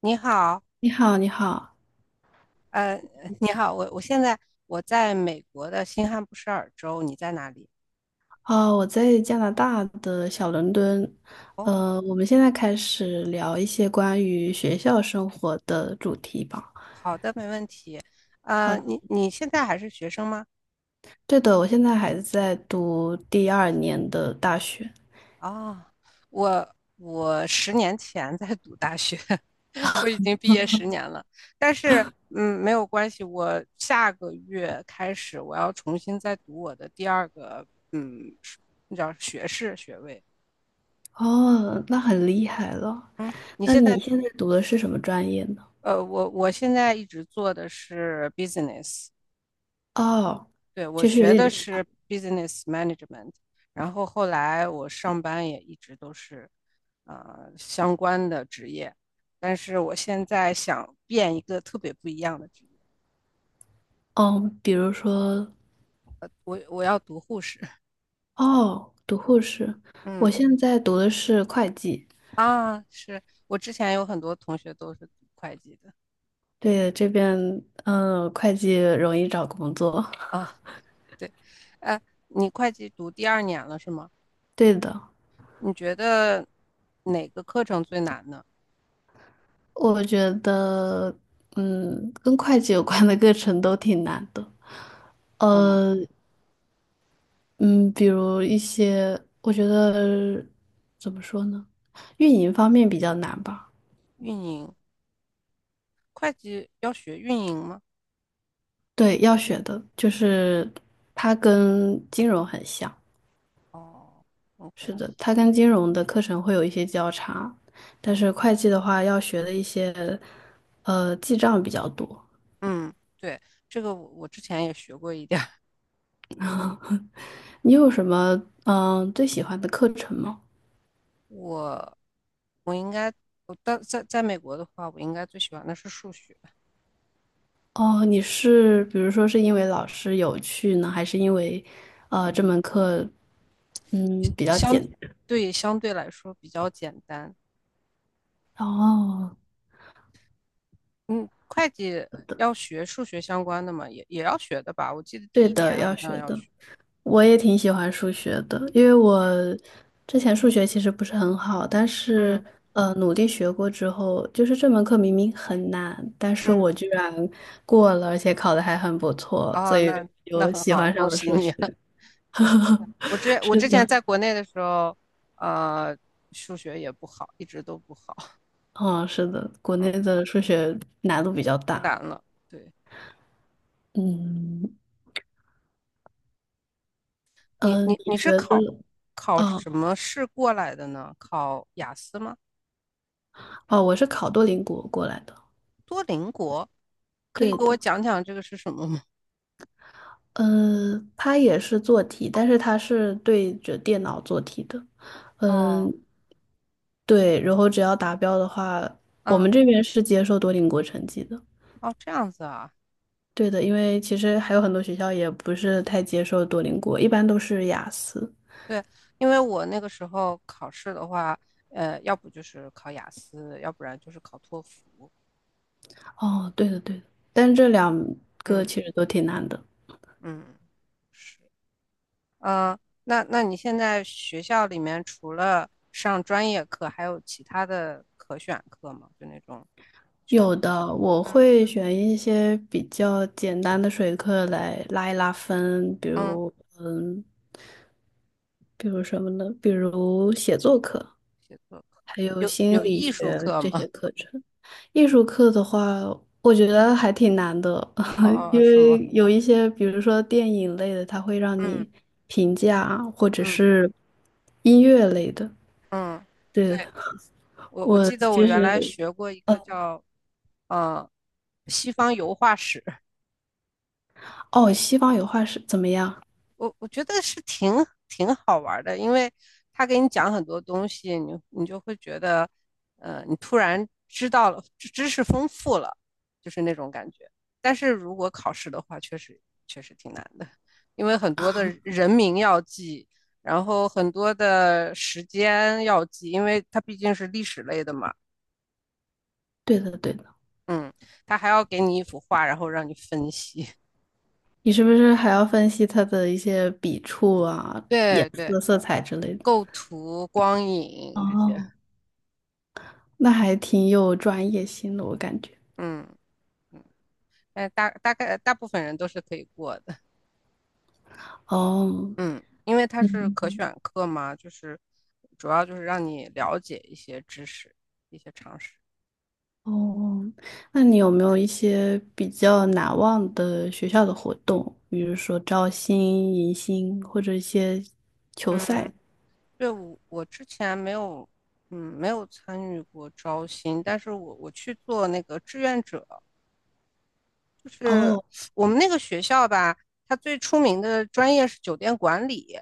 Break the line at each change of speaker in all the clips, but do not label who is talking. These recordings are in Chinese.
你好，
你好，你好。
呃，你好，我在美国的新罕布什尔州，你在哪里？
哦，我在加拿大的小伦敦。
哦，
我们现在开始聊一些关于学校生活的主题吧。好。
你现在还是学生吗？
对的，我现在还在读第二年的大学。
哦，我十年前在读大学，我已经毕业十年了，但是没有关系，我下个月开始我要重新再读我的第二个是那叫学士学位。
哦，那很厉害了。
嗯，你
那
现
你
在
现在读的是什么专业呢？
呃，我现在一直做的是 business。
哦，
对，我
其实有
学的
点像。
是 business management,然后后来我上班也一直都是相关的职业，但是我现在想变一个特别不一样的职业，
嗯，比如说。
我要读护士。
哦，读护士。我
嗯。
现在读的是会计。
啊，是我之前有很多同学都是读会计的
对，这边，嗯，会计容易找工作。
啊，对，呃，你会计读第二年了是吗？
对的。
你觉得哪个课程最难呢？
我觉得，嗯，跟会计有关的 课程都挺难的。呃，嗯，比如一些，我觉得怎么说呢，运营方面比较难吧。
运营，会计要学运营吗？
对，要学的就是它跟金融很像。
哦，OK,
是的，它跟金融的课程会有一些交叉，但
嗯。
是会计的话要学的一些，记账比较多。
嗯对，这个我之前也学过一点儿，
你有什么最喜欢的课程吗？
我应该在美国的话，我应该最喜欢的是数学，
哦，你是比如说是因为老师有趣呢，还是因为这
嗯
门课比较简
相
单？
对相对来说比较简单。
哦，
嗯，会计要学数学相关的嘛，也要学的吧？我记得第
对
一年
的，
好
要
像
学
要
的。
学。
我也挺喜欢数学的，因为我之前数学其实不是很好，但是
嗯
努力学过之后，就是这门课明明很难，但是
嗯，
我居然过了，而且考的还很不错，所
哦，
以
那
就
很
喜
好，
欢
恭
上了
喜
数
你。
学。
对，我
是
之前
的。
在国内的时候，呃，数学也不好，一直都不好，
哦，是的，国
嗯，
内的数学难度比较
太
大。
难了。对，
嗯，
你
嗯，
你
你
你
觉
是
得？
考
哦，
什么试过来的呢？考雅思吗？
哦，我是考多邻国过来的。
多邻国，可
对
以给
的，
我讲讲这个是什么吗？
嗯，他也是做题，但是他是对着电脑做题的。
哦，
嗯，对，然后只要达标的话，我
嗯，
们这边是接受多邻国成绩的。
哦，这样子啊，
对的，因为其实还有很多学校也不是太接受多邻国，一般都是雅思。
对，因为我那个时候考试的话，要不就是考雅思，要不然就是考托福。
哦，对的对的，但是这两个
嗯
其实都挺难的。
嗯，是，嗯，那你现在学校里面除了上专业课，还有其他的可选课吗？就那种选，
有的，我
嗯
会选一些比较简单的水课来拉一拉分，比
嗯。
如，嗯，比如什么呢？比如写作课，
写作课，
还有
有
心
有
理
艺术
学
课
这
吗？
些课程。艺术课的话，我觉得还挺难的，
哦，
因
是吗？
为有一些，比如说电影类的，它会让
嗯
你评价，或者
嗯
是音乐类的。
嗯，对，
对的。
我
我
记得我
其
原来
实，
学过一个叫呃西方油画史，
哦，西方有画是怎么样？
我觉得是挺好玩的，因为他给你讲很多东西，你就会觉得，你突然知道了，知识丰富了，就是那种感觉。但是如果考试的话，确实挺难的，因为很多的人名要记，然后很多的时间要记，因为它毕竟是历史类的嘛，
对的，对的。
嗯，它还要给你一幅画，然后让你分析，
你是不是还要分析他的一些笔触啊、颜
对对，
色、色彩之类的？
构图、光影这些，
哦，那还挺有专业性的，我感觉。
嗯。但大概大部分人都是可以过的，
哦。
嗯，因为它是可
嗯。
选课嘛，就是主要就是让你了解一些知识、一些常识。
哦，那你有没有一些比较难忘的学校的活动，比如说招新、迎新或者一些球
嗯，
赛？
对，我之前没有，没有参与过招新，但是我去做那个志愿者，就是
哦。
我们那个学校吧，它最出名的专业是酒店管理，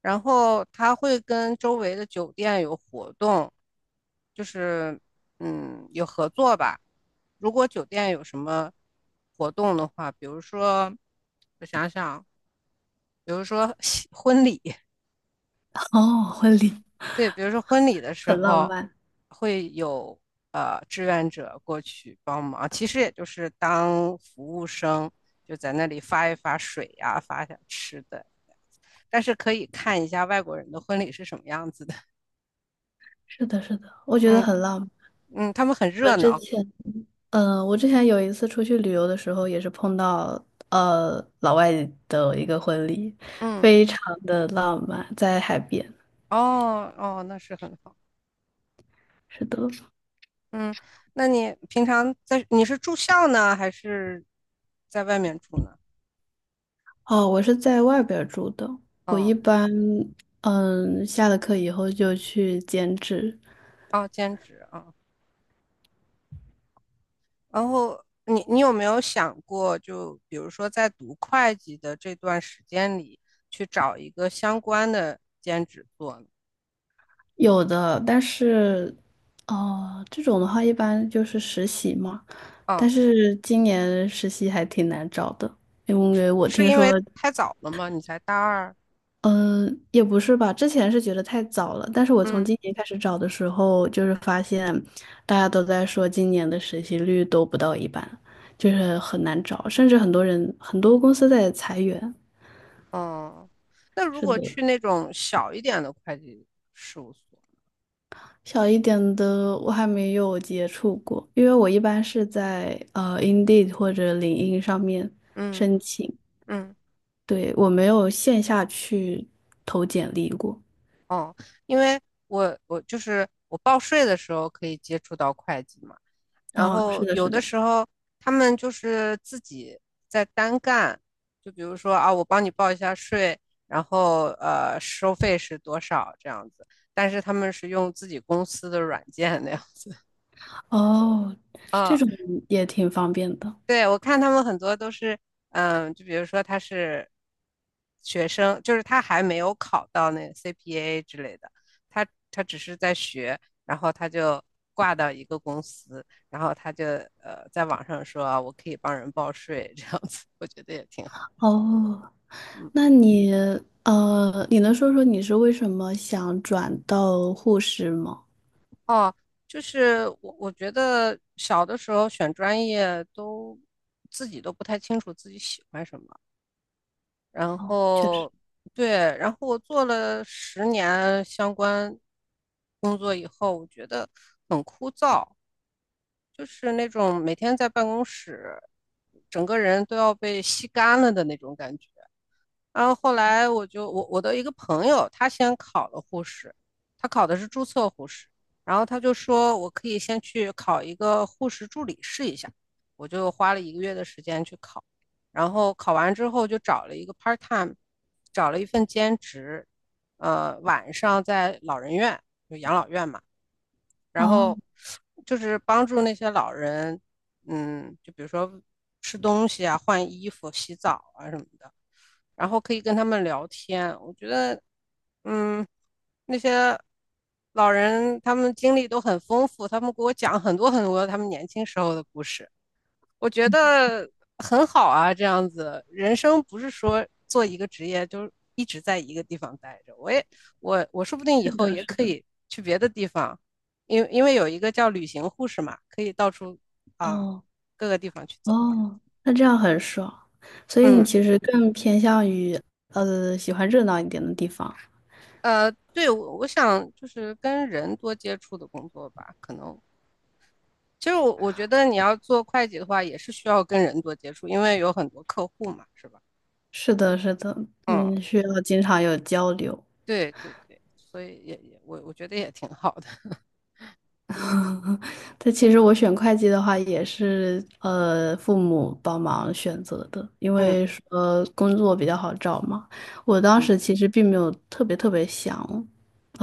然后它会跟周围的酒店有活动，就是有合作吧。如果酒店有什么活动的话，比如说我想想婚礼，
哦，婚礼
对，比如说婚礼的时
很浪
候
漫。
会有志愿者过去帮忙，其实也就是当服务生，就在那里发一发水呀、发一下吃的，但是可以看一下外国人的婚礼是什么样子的。
是的，是的，我觉得
嗯
很浪漫。
嗯，他们很
我
热
之
闹。
前，我之前有一次出去旅游的时候，也是碰到老外的一个婚礼，
嗯，
非常的浪漫，在海边。
哦哦，那是很好。
是的。
嗯，那你平常你是住校呢，还是在外面住呢？
哦，我是在外边儿住的。我一
哦
般下了课以后就去兼职。
哦，兼职啊。哦，然后你有没有想过，就比如说在读会计的这段时间里，去找一个相关的兼职做呢？
有的，但是哦这种的话一般就是实习嘛，但
啊，
是今年实习还挺难找的，因为我
是
听
因
说。
为太早了吗？你才大二？
嗯，也不是吧，之前是觉得太早了，但是我从
嗯。
今年开始找的时候，就是发现大家都在说今年的实习率都不到一半，就是很难找，甚至很多人很多公司在裁员。
哦，那如
是
果
的。
去那种小一点的会计事务所，
小一点的我还没有接触过，因为我一般是在Indeed 或者领英上面
嗯
申请。
嗯，
对，我没有线下去投简历过。
哦，因为我就是我报税的时候可以接触到会计嘛，然
哦，是
后
的，是
有的
的。
时候他们就是自己在单干，就比如说啊，我帮你报一下税，然后收费是多少这样子，但是他们是用自己公司的软件那样子
哦，这
啊，
种也挺方便的。
对，我看他们很多都是，就比如说他是学生，就是他还没有考到那个 CPA 之类的，他只是在学，然后他就挂到一个公司，然后他就在网上说啊我可以帮人报税这样子，我觉得也挺好。
哦，
嗯，
那你，你能说说你是为什么想转到护士吗？
哦，就是我觉得小的时候选专业都自己都不太清楚自己喜欢什么，然
哦，确实。
后对，然后我做了十年相关工作以后，我觉得很枯燥，就是那种每天在办公室，整个人都要被吸干了的那种感觉。然后后来我就我我的一个朋友，他先考了护士，他考的是注册护士，然后他就说我可以先去考一个护士助理试一下，我就花了一个月的时间去考，然后考完之后就找了一个 part time,找了一份兼职，晚上在老人院，就养老院嘛。然
哦，
后就是帮助那些老人，就比如说吃东西啊、换衣服、洗澡啊什么的，然后可以跟他们聊天。我觉得，嗯，那些老人他们经历都很丰富，他们给我讲很多很多他们年轻时候的故事。我觉得很好啊，这样子人生不是说做一个职业就一直在一个地方待着。我也，我说不定以
是
后
的，
也
是
可
的。
以去别的地方，因为有一个叫旅行护士嘛，可以到处啊
哦，
各个地方去走。
哦，那这样很爽，所以你
嗯
其实更偏向于喜欢热闹一点的地方。
对，我想就是跟人多接触的工作吧，可能其实我觉得你要做会计的话，也是需要跟人多接触，因为有很多客户嘛，是吧？
是的，是的。
嗯。
嗯，需要经常有交流。
对对对，所以也我觉得也挺好的。
但其实我选会计的话，也是父母帮忙选择的，因
嗯
为工作比较好找嘛。我当
嗯，
时其实并没有特别特别想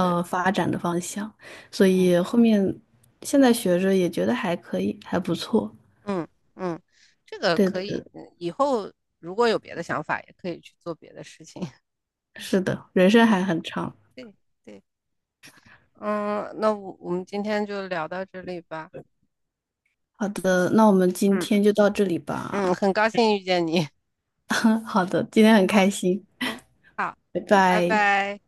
对，
发展的方向，所
嗯
以后面现在学着也觉得还可以，还不错。
嗯嗯，这个
对
可以，
的。
以后如果有别的想法，也可以去做别的事情。
是的，人生
嗯，
还很长。
对对，嗯，那我们今天就聊到这里吧。
好的，那我们今
嗯
天就到这里
嗯，
吧。
很高兴遇见你。
嗯，好的，今天很开心。
嗯，好，
拜
嗯，拜
拜。
拜。